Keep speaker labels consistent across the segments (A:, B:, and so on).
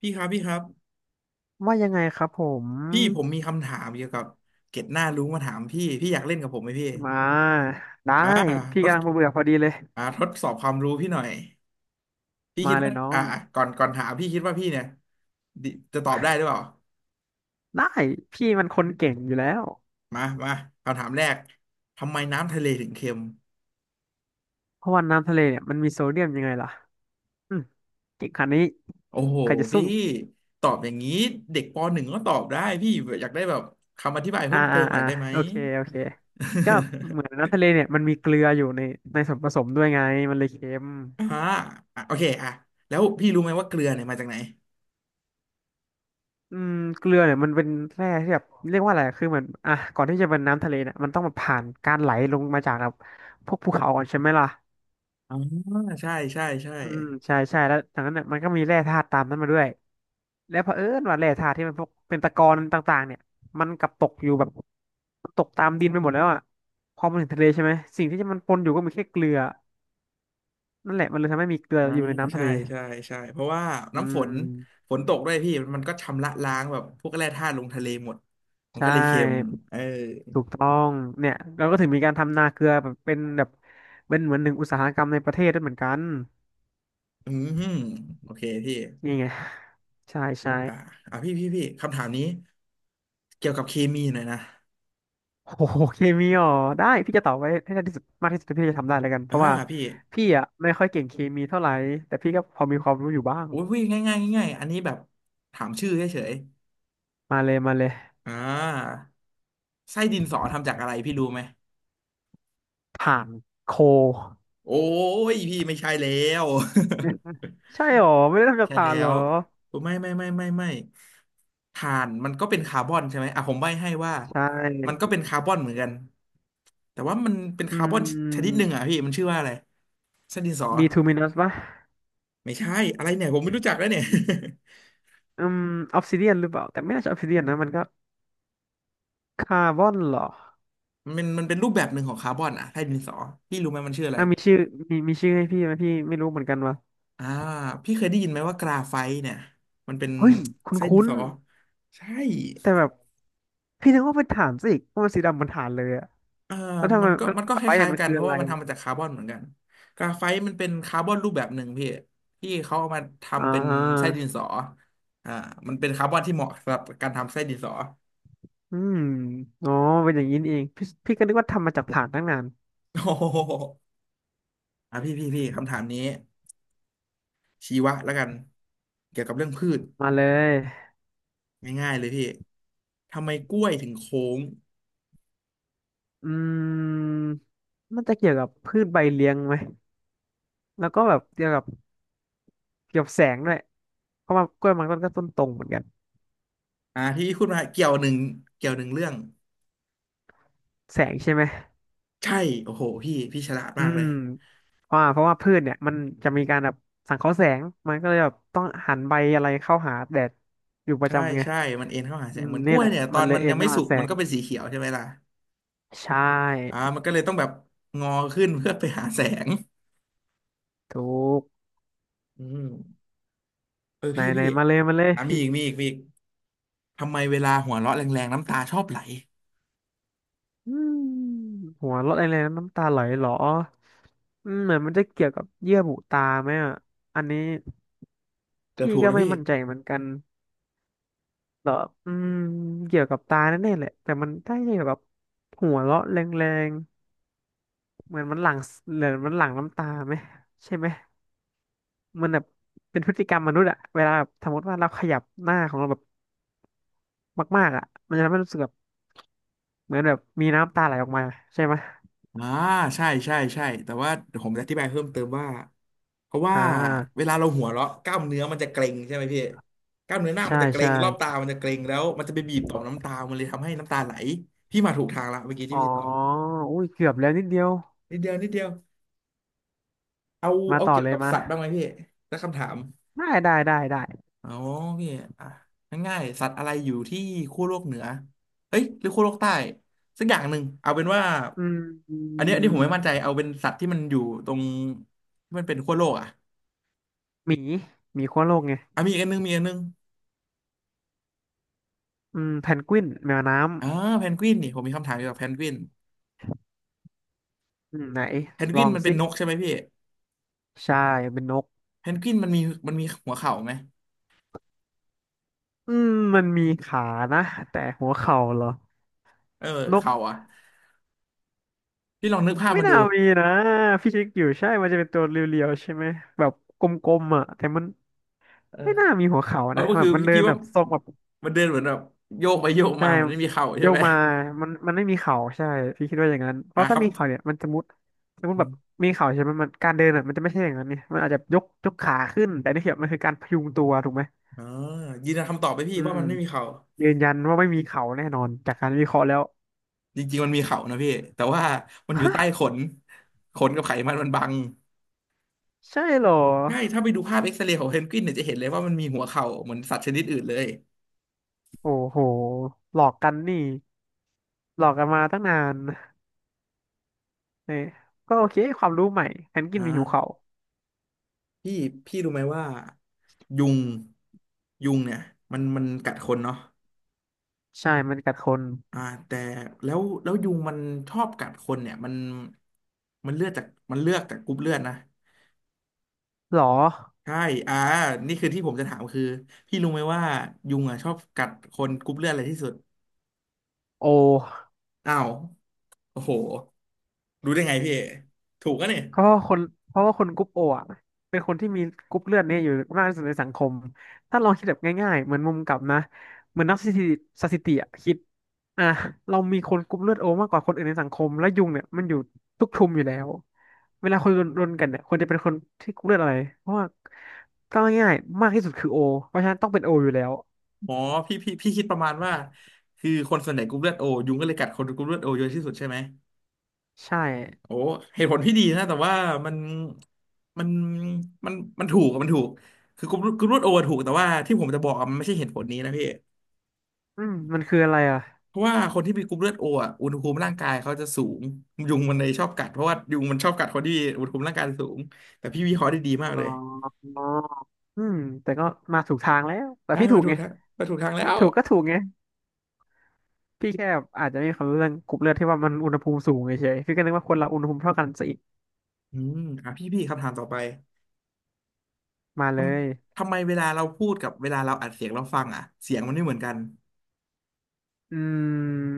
A: พี่ครับพี่ครับ
B: ว่ายังไงครับผม
A: พี่ผมมีคำถามเกี่ยวกับเกร็ดหน้ารู้มาถามพี่พี่อยากเล่นกับผมไหมพี่
B: มาได้
A: อ่า
B: พี่
A: ทด
B: กำลังเบื่อๆพอดีเลย
A: ทดสอบความรู้พี่หน่อยพี่คิ
B: มา
A: ด
B: เล
A: ว่า
B: ยน้อง
A: ก่อนถามพี่คิดว่าพี่เนี่ยดิจะตอบได้หรือเปล่า
B: ได้พี่มันคนเก่งอยู่แล้ว
A: มาคำถามแรกทำไมน้ำทะเลถึงเค็ม
B: เพราะว่าน้ำทะเลเนี่ยมันมีโซเดียมยังไงล่ะอืมเก่งขนาดนี้
A: โอ้โห
B: ใครจะสู้
A: พี่ตอบอย่างนี้เด็กปหนึ่งก็ตอบได้พี่อยากได้แบบคำอธิบาย
B: อ่า
A: เพิ่มเติ
B: อ่า
A: มหน่อ
B: อ่า
A: ยได้ไหม
B: โอเคโอเคก็เหมือน น้ำทะเลเนี่ยมันมีเกลืออยู่ในส่วนผสมด้วยไงมันเลยเค็ม
A: อ่าอ่ะโอเคอ่ะแล้วพี่รู้ไหมว่าเกลือเนี่ยมาจากไหน
B: อืมเกลือเนี่ยมันเป็นแร่ที่แบบเรียกว่าอะไรคือเหมือนอ่ะก่อนที่จะเป็นน้ำทะเลเนี่ยมันต้องมาผ่านการไหลลงมาจากแบบพวกภูเขาก่อนใช่ไหมล่ะ
A: อ๋อใช่ใช่ใช่
B: อืมใช่ใช่แล้วจากนั้นเนี่ยมันก็มีแร่ธาตุตามนั้นมาด้วยแล้วเผอิญว่าแร่ธาตุที่มันพวกเป็นตะกอนต่างๆเนี่ยมันกลับตกอยู่แบบตกตามดินไปหมดแล้วอ่ะพอมันถึงทะเลใช่ไหมสิ่งที่มันปนอยู่ก็มีแค่เกลือนั่นแหละมันเลยทำให้มีเกลือ
A: อ่า
B: อยู่ในน้ำทะ
A: ใช่
B: เล
A: ใช่ใช่เพราะว่า
B: อื
A: น้ำฝน
B: ม
A: ฝนตกด้วยพี่มันก็ชำระล้างแบบพวกแร่ธาตุลงทะเลหมดมัน
B: ใช่
A: ก็เลยเค็มเออ
B: ถูกต้องเนี่ยเราก็ถึงมีการทำนาเกลือแบบเป็นแบบเป็นเหมือนหนึ่งอุตสาหกรรมในประเทศด้วยเหมือนกัน
A: อืมโอเคพี่
B: นี่ไงใช่ใช่
A: อ่าพี่คำถามนี้เกี่ยวกับเคมีหน่อยนะ
B: โอ้โหเคมีอ๋อได้พี่จะตอบไว้ให้ได้ที่สุดมากที่สุดที่พี่จะทำได้แล้วกันเพ
A: อ่า
B: ราะว่า
A: พี่
B: พี่อ่ะไม่ค่อยเก่งเคมีเท่าไหร่แต่พี่ก็พอมีความรู้อยู่บ้าง
A: โอ้ยพี่ง่ายๆอันนี้แบบถามชื่อเฉย
B: มาเลยมาเลย
A: ๆไส้ดินสอทำจากอะไรพี่รู้ไหม
B: ถ่านโค
A: โอ้ยพี่ไม่ใช่แล้ว
B: ใช่หรอไม่ได้ทำจาก
A: ใช่
B: ถ่า
A: แล้
B: นเหร
A: ว
B: อ
A: ไม่ถ่านมันก็เป็นคาร์บอนใช่ไหมอ่ะผมใบ้ให้ว่า
B: ใช่
A: มันเป็นคาร์บอนเหมือนกันแต่ว่ามันเป็น
B: อื
A: คาร์บอนชนิด
B: ม
A: หนึ่งอ่ะพี่มันชื่อว่าอะไรเส้นดินสอ
B: บีทูมินัสป่ะ
A: ไม่ใช่อะไรเนี่ยผมไม่รู้จักแล้วเนี่ย
B: อืมออฟซิเดียนหรือเปล่าแต่ไม่น่าจะออฟซิเดียนนะมันก็คาร์บอนเหรอ
A: มันเป็นรูปแบบหนึ่งของคาร์บอนอ่ะใต้ดินสอพี่รู้ไหมมันชื่ออะไร
B: อ่ะมีชื่อมีชื่อให้พี่ไหมพี่ไม่รู้เหมือนกันว่ะ
A: อ่าพี่เคยได้ยินไหมว่ากราไฟต์เนี่ยมันเป็น
B: เฮ้ยค
A: ไส้ดิน
B: ุ้น
A: สอใช่
B: ๆแต่แบบพี่นึกว่าเป็นถ่านซะอีกเพราะมันสีดำเหมือนถ่านเลยอะ
A: เอ่อ
B: แล้วทำ
A: มั
B: ไม
A: นก็
B: เออ
A: มันก็ค
B: ไปเนี่
A: ล้า
B: ย
A: ย
B: มั
A: ๆ
B: น
A: กัน
B: คือ
A: เพ
B: อะ
A: ราะ
B: ไร
A: ว่ามันทำมาจากคาร์บอนเหมือนกันกราไฟต์มันเป็นคาร์บอนรูปแบบหนึ่งพี่ที่เขาเอามา
B: อ่
A: ทำเป็นไส้
B: า
A: ดินสออ่ามันเป็นคาร์บอนที่เหมาะสำหรับการทำไส้ดินสอ
B: อืมอ๋อเป็นอย่างนี้นี่เองพี่พี่ก็นึกว่าทำมาจากถ่านตั้งนาน
A: โอ้โหอ่ะพี่คำถามนี้ชีวะแล้วกันเกี่ยวกับเรื่องพืช
B: มาเลย
A: ง่ายๆเลยพี่ทำไมกล้วยถึงโค้ง
B: อืมมันจะเกี่ยวกับพืชใบเลี้ยงไหมแล้วก็แบบเกี่ยวกับแสงด้วยเพราะว่ากล้วยมันก็ต้นตรงเหมือนกัน
A: อ่าที่พี่พูดมาเกี่ยวหนึ่งเรื่อง
B: แสงใช่ไหม
A: ใช่โอ้โหพี่ฉลาด
B: อื
A: มากเล
B: ม
A: ย
B: เพราะว่าพืชเนี่ยมันจะมีการแบบสังเคราะห์แสงมันก็เลยแบบต้องหันใบอะไรเข้าหาแดดอยู่ประ
A: ใช่
B: จำไง
A: ใช่มันเอ็นเข้าหาแส
B: อื
A: ง
B: ม
A: เหมือนก
B: นี่
A: ล้ว
B: แห
A: ย
B: ละ
A: เนี่ยตอ
B: มัน
A: น
B: เล
A: มั
B: ย
A: น
B: เอ็
A: ยั
B: น
A: งไม่
B: เข้า
A: สุ
B: หา
A: ก
B: แส
A: มัน
B: ง
A: ก็เป็นสีเขียวใช่ไหมล่ะ
B: ใช่
A: อ่ามันก็เลยต้องแบบงอขึ้น เพื่อไปหาแสง
B: ถูก
A: อืมเออ
B: ไหน
A: พี่
B: ไหน
A: พี่
B: มาเลยมาเลยพี่
A: มีอีกทำไมเวลาหัวเราะแรงๆน้ำตาชอบไหล
B: อืมหัวเราะอะไรนะน้ำตาไหลเหรออืมเหมือนมันจะเกี่ยวกับเยื่อบุตาไหมอ่ะอันนี้
A: เกือบ
B: พี่
A: ถูก
B: ก็
A: แล้ว
B: ไม่
A: พี่
B: มั่นใจเหมือนกันเหรออืมเกี่ยวกับตาแน่ๆแหละแต่มันได้เกี่ยวกับหัวเราะแรงๆเหมือนมันหลั่งน้ำตาไหมใช่ไหมมันแบบเป็นพฤติกรรมมนุษย์อะเวลาแบบสมมติว่าเราขยับหน้าของเราแบบมากๆอะมันจะทำให้รู้สึกแบบเหมือนแบบมีน้ำตาไหลออกมาใช่ไหม
A: อ่าใช่ใช่ใช่แต่ว่าเดี๋ยวผมจะอธิบายเพิ่มเติมว่าเพราะว่า
B: อ่
A: เว
B: า
A: ลาเราหัวเราะกล้ามเนื้อมันจะเกร็งใช่ไหมพี่กล้ามเนื้อหน้ามั
B: ใช่
A: นจะเกร็
B: ใช่
A: งรอบตามันจะเกร็งแล้วมันจะไปบีบต่อมน้ำตามันเลยทำให้น้ำตาไหลพี่มาถูกทางละเมื่อกี้
B: อ๋
A: ที่
B: อ
A: พี่ตอบ
B: อุ้ยเกือบแล้วนิดเดียว
A: นิดเดียวนิดเดียวเอา
B: มา
A: เอา
B: ต่อ
A: เกี่ยว
B: เลย
A: กับ
B: มา
A: สัตว์บ้างไหมพี่สักคำถาม
B: ได้ได้ได้ได้
A: อ๋อพี่อ่ะง่ายๆสัตว์อะไรอยู่ที่ขั้วโลกเหนือเอ้ยหรือขั้วโลกใต้สักอย่างหนึ่งเอาเป็นว่า
B: อืมอื
A: อันนี้ผมไม่มั่นใจ
B: ม
A: เอาเป็นสัตว์ที่มันอยู่ตรงที่มันเป็นขั้วโลกอ่ะ
B: หมีหมีขั้วโลกไง
A: มีอีกอันนึง
B: อืมแพนกวินแมวน้ำ
A: อ่าแพนกวินนี่ผมมีคำถามเกี่ยวกับแพนกวิน
B: อืมไหน
A: แพนก
B: ล
A: วิ
B: อ
A: น
B: ง
A: มันเป็
B: สิ
A: นนกใช่ไหมพี่
B: ใช่เป็นนก
A: แพนกวินมันมีหัวเข่าไหม
B: อืมมันมีขานะแต่หัวเข่าเหรอ
A: เออ
B: นก
A: เข่าอ่ะพี่ลองนึกภาพ
B: ไม่
A: มันดู
B: น่ามีนะพี่เชิคอยู่ใช่มันจะเป็นตัวเรียวๆใช่ไหม แบบกลมๆอ่ะแต่มัน
A: เออ
B: ไม่น่ามีหัวเข่า
A: เอา
B: นะ
A: ก็
B: แบ
A: คือ
B: บมัน
A: พี่
B: เดิ
A: พี่
B: นแบ
A: ว่า
B: บทรงแบบ
A: มันเดินเหมือนแบบโยกไปโยก
B: ใช่
A: มาเหมือนไม่มีเข่าใช่
B: โย
A: ไห
B: ก
A: ม
B: มามันไม่มีเข่าใช่พี่คิดว่าอย่างนั้นเพ
A: หา
B: ราะ
A: ค
B: ถ้า
A: รับ
B: มีเข่าเนี่ยมันจะมุดสมมติแบบมีเข่าใช่ไหมมันการเดินอ่ะมันจะไม่ใช่อย่างนั้นเนี่ยมันอาจจะยกขาขึ้นแต่นี่คือมันคือการพยุงตัวถูกไหม
A: อ่ายืนยันคำตอบไปพี่
B: อื
A: ว่า
B: ม
A: มันไม่มีเขา
B: ยืนยันว่าไม่มีเข่าแน่นอนจากการวิเคราะห์แล้ว
A: จริงๆมันมีเขานะพี่แต่ว่ามันอยู่ใต้ขนขนกับไขมันมันบัง
B: ใช่เหรอ
A: ใช่ถ้าไปดูภาพเอ็กซเรย์ของเพนกวินเนี่ยจะเห็นเลยว่ามันมีหัวเข่าเหมือนสัตว์ชนิดอื่นเลย
B: โอ้โหหลอกกันนี่หลอกกันมาตั้งนานเน่ยก็โอเคความรู้ใหม่แพนกิ
A: อ่
B: นมีหิวเข่า
A: าพี่พี่รู้ไหมว่ายุงยุงเนี่ยมันกัดคนเนาะ
B: ใช่มันกัดคน
A: อ่าแต่แล้วยุงมันชอบกัดคนเนี่ยมันเลือดจากมันเลือกจากกรุ๊ปเลือดนะ
B: หรอ
A: ใช่อ่านี่คือที่ผมจะถามคือพี่รู้ไหมว่ายุงอ่ะชอบกัดคนกรุ๊ปเลือดอะไรที่สุด
B: โอ
A: อ้าวโอ้โหรู้ได้ไงพี่ถูกอะเนี่ย
B: เพราะว่าคนเพราะว่าคนกรุ๊ปโออ่ะเป็นคนที่มีกรุ๊ปเลือดเนี่ยอยู่มากที่สุดในสังคมถ้าลองคิดแบบง่ายๆเหมือนมุมกลับนะเหมือนนักสถิติสถิติอะคิดอ่ะเรามีคนกรุ๊ปเลือดโอมากกว่าคนอื่นในสังคมและยุงเนี่ยมันอยู่ทุกชุมอยู่แล้วเวลาคนรนกันเนี่ยควรจะเป็นคนที่กรุ๊ปเลือดอะไรเพราะว่าก็ง่ายๆมากที่สุดคือโอเพราะฉะนั้นต้องเป็นโออยู่แล้ว
A: อ๋อพี่พี่คิดประมาณว่าคือคนส่วนใหญ่กรุ๊ปเลือดโอยุงก็เลยกัดคนกรุ๊ปเลือดโอเยอะที่สุดใช่ไหม
B: ใช่
A: โอ้เหตุผลพี่ดีนะแต่ว่ามันมันมันมันถูกอะมันถูกคือกรุ๊ปเลือดโอถูกแต่ว่าที่ผมจะบอกอะมันไม่ใช่เหตุผลนี้นะพี่
B: อืมมันคืออะไรอ่ะ
A: เพราะว่าคนที่มีกรุ๊ปเลือดโออะอุณหภูมิร่างกายเขาจะสูงยุงมันเลยชอบกัดเพราะว่ายุงมันชอบกัดคนที่อุณหภูมิร่างกายสูงแต่พี่วิเคราะห์ได้ดีมาก
B: อ๋
A: เล
B: อ
A: ย
B: อืมแต่ก็มาถูกทางแล้วแต่
A: ใช่
B: พี่ถู
A: มา
B: ก
A: ถู
B: ไง
A: กทางมาถูกทางแล้ว
B: ถูกก็ถูกไง พี่แค่อาจจะไม่มีความรู้เรื่องกรุ๊ปเลือดที่ว่ามันอุณหภูมิสูงเฉยๆพี่ก็นึกว่าคนเราอุณหภูมิเท่ากันซะอีก
A: อืมอ่ะพี่คำถามต่อไป
B: มา
A: ท
B: เลย
A: ทำไมเวลาเราพูดกับเวลาเราอัดเสียงเราฟังอ่ะเสียงมันไม่เหมือนกัน
B: อืม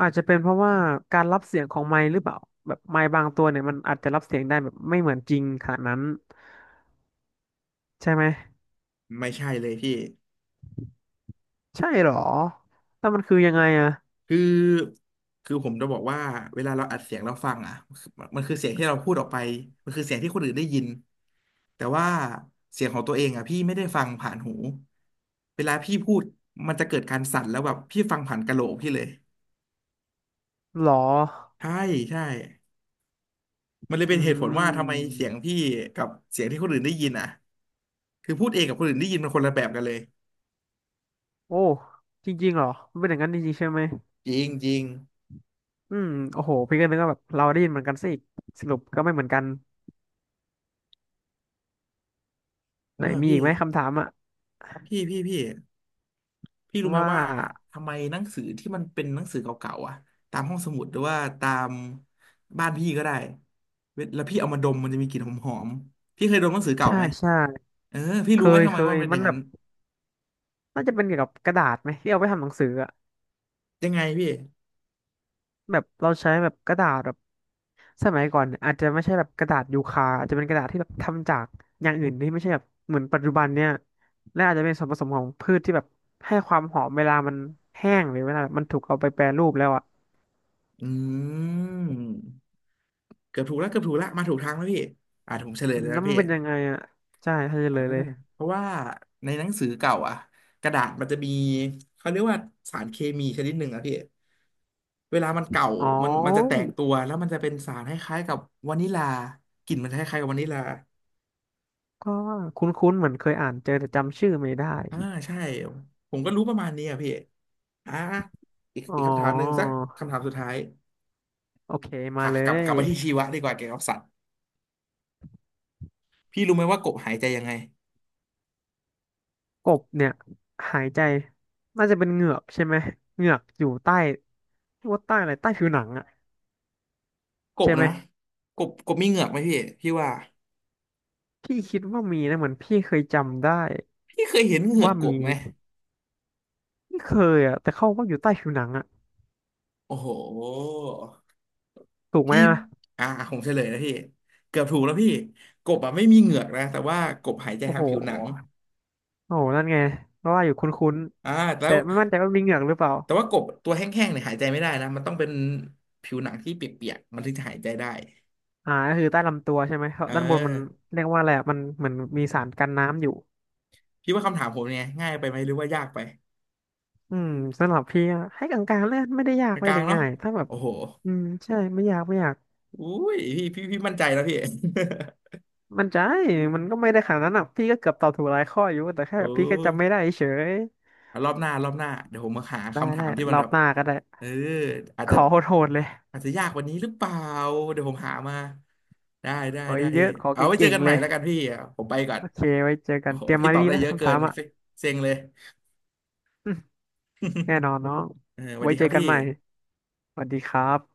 B: อาจจะเป็นเพราะว่าการรับเสียงของไมค์หรือเปล่าแบบไมค์บางตัวเนี่ยมันอาจจะรับเสียงได้แบบไม่เหมือนจริงขนาดนั้นใช่ไหม
A: ไม่ใช่เลยพี่
B: ใช่เหรอแล้วมันคือยังไงอะ
A: คือคือผมจะบอกว่าเวลาเราอัดเสียงเราฟังอ่ะมันคือเสียงที่เราพูดออกไปมันคือเสียงที่คนอื่นได้ยินแต่ว่าเสียงของตัวเองอ่ะพี่ไม่ได้ฟังผ่านหูเวลาพี่พูดมันจะเกิดการสั่นแล้วแบบพี่ฟังผ่านกะโหลกพี่เลย
B: หรอ
A: ใช่ใช่ มันเลย
B: อื
A: เป็นเหตุผลว่าทำไม
B: ม
A: เสียงพี่กับเสียงที่คนอื่นได้ยินอ่ะคือพูดเองกับคนอื่นได้ยินมันคนละแบบกันเลย
B: โอ้จริงๆเหรอมันเป็นอย่างนั้นจริงๆใช่ไหม
A: จริงจริง
B: อืมโอ้โหพี่ก็นึกว่าแบบเราได้ยินเหมือนกันซะอีกสรุปก็ไม่เหมือนกัน
A: เอ
B: ไห
A: อ
B: นมี
A: พี่
B: อีกไหมคำถามอะ
A: พี่พี่พี่พี่รู้ไหม
B: ว่า
A: ว่าทำไมหนังสือที่มันเป็นหนังสือเก่าๆอ่ะตามห้องสมุดหรือว่าตามบ้านพี่ก็ได้เวลาพี่เอามาดมมันจะมีกลิ่นหอมๆพี่เคยดมหนังสือเก่า
B: ใช่
A: ไหม
B: ใช่
A: เออพี่
B: เค
A: รู้ไหม
B: ย
A: ทำไม
B: เค
A: ว่า
B: ย
A: มันเป็นอ
B: มั
A: ย่า
B: น
A: ง
B: แบ
A: นั้น
B: บน่าจะเป็นเกี่ยวกับกระดาษไหมที่เอาไปทำหนังสืออะ
A: ยังไงพี่
B: แบบเราใช้แบบกระดาษแบบสมัยก่อนเนี่ยอาจจะไม่ใช่แบบกระดาษยูคาอาจจะเป็นกระดาษที่แบบทำจากอย่างอื่นที่ไม่ใช่แบบเหมือนปัจจุบันเนี่ยและอาจจะเป็นส่วนผสมของพืชที่แบบให้ความหอมเวลามันแห้งหรือเวลามันถูกเอาไปแปรรูปแล้วอ่ะ
A: อืมเกือบถูกแล้วเกือบถูกแล้วมาถูกทางแล้วพี่อ่ะผมเฉลย
B: อื
A: เล
B: ม
A: ย
B: แล้
A: นะ
B: วมั
A: พี่
B: นเป็นยังไงอ่ะใช่จะเล
A: อ่า
B: ยเลย
A: เพราะว่าในหนังสือเก่าอ่ะกระดาษมันจะมีเขาเรียกว่าสารเคมีชนิดหนึ่งอะพี่เวลามันเก่า
B: อ๋อ
A: มันจะแตกตัวแล้วมันจะเป็นสารคล้ายๆกับวานิลากลิ่นมันคล้ายๆกับวานิลา
B: ก็คุ้นๆเหมือนเคยอ่านเจอแต่จำชื่อไม่ได้
A: อ่าใช่ผมก็รู้ประมาณนี้อ่ะพี่อ่าอีก
B: อ๋อ
A: อีกคำถามหนึ่งสักคำถามสุดท้าย
B: โอเคมา
A: อ่ะ
B: เล
A: กลับก
B: ย
A: ลับมาที่ชีวะดีกว่าเกี่ยวกับสัตว์พี่รู้ไหมว่ากบหายใจยังไง
B: กบเนี่ยหายใจน่าจะเป็นเหงือกใช่ไหมเหงือกอยู่ใต้ว่าใต้อะไรใต้ผิวหนังอะ
A: กบ
B: ใช่ไหม
A: นะกบมีเหงือกไหมพี่พี่ว่า
B: พี่คิดว่ามีนะเหมือนพี่เคยจำได้
A: พี่เคยเห็นเหงือก
B: ว่า
A: ก
B: มี
A: บไหม
B: ไม่เคยอะแต่เขาว่าอยู่ใต้ผิวหนังอะ
A: โอ้โห
B: ถูกไหม
A: พี่
B: อะ
A: อ่าผมเฉลยนะพี่เกือบถูกแล้วพี่กบอ่ะไม่มีเหงือกนะแต่ว่ากบหายใจ
B: โอ้
A: ทาง
B: โห
A: ผิวหนัง
B: โอ้โหนั่นไงเพราะว่าอยู่คุ้น
A: อ่า
B: ๆ
A: แล้
B: แต่
A: ว
B: ไม่มั่นใจว่ามีเหงือกหรือเปล่า
A: แต่ว่ากบตัวแห้งๆเนี่ยหายใจไม่ได้นะมันต้องเป็นผิวหนังที่เปียกๆมันถึงจะหายใจได้
B: อ่าก็คือใต้ลำตัวใช่ไหมครับ
A: เอ
B: ด้านบนมัน
A: อ
B: เรียกว่าอะไรอะมันเหมือนมีสารกันน้ำอยู่
A: พี่ว่าคำถามผมเนี่ยง่ายไปไหมหรือว่ายากไป
B: อืมสำหรับพี่อะให้กลางๆเลยไม่ได้ยา
A: ก
B: กไม่
A: ลา
B: ได้
A: งๆเนาะ
B: ง่ายถ้าแบบ
A: โอ้โห
B: อืมใช่ไม่ยากไม่ยาก
A: อุ้ยพี่พี่มั่นใจแล้วพี่
B: มันใจมันก็ไม่ได้ขนาดนั้นอ่ะพี่ก็เกือบตอบถูกหลายข้ออยู่แต่แค่
A: โอ
B: พี่ก็จำไม่
A: ้
B: ได้เฉย
A: รอบหน้าเดี๋ยวผมมาหา
B: ได้
A: คำถา
B: ได้
A: มที่มั
B: ร
A: น
B: อ
A: แบ
B: บ
A: บ
B: หน้าก็ได้
A: เอออาจ
B: ข
A: จะ
B: อโหดๆเลย
A: อาจจะยากกว่านี้หรือเปล่าเดี๋ยวผมหามา
B: ขอ
A: ได้
B: เยอะๆขอ
A: เอา
B: เ
A: ไว้เจอ
B: ก่ง
A: กัน
B: ๆ
A: ให
B: เล
A: ม่
B: ย
A: แล้วกันพี่อ่ะผมไปก่อน
B: โอเคไว้เจอกั
A: โอ้
B: น
A: โห
B: เตรียม
A: พี่
B: มา
A: ตอบ
B: ดี
A: ได้
B: ๆนะ
A: เยอะ
B: คำ
A: เกิ
B: ถา
A: น
B: มอ่ะ
A: เซ็งเลย
B: อืมแน่นอน น้อง
A: เออสวัส
B: ไว้
A: ดี
B: เจ
A: ค
B: อ
A: รับ
B: กัน
A: พี่
B: ใหม่ สวัสดีครับ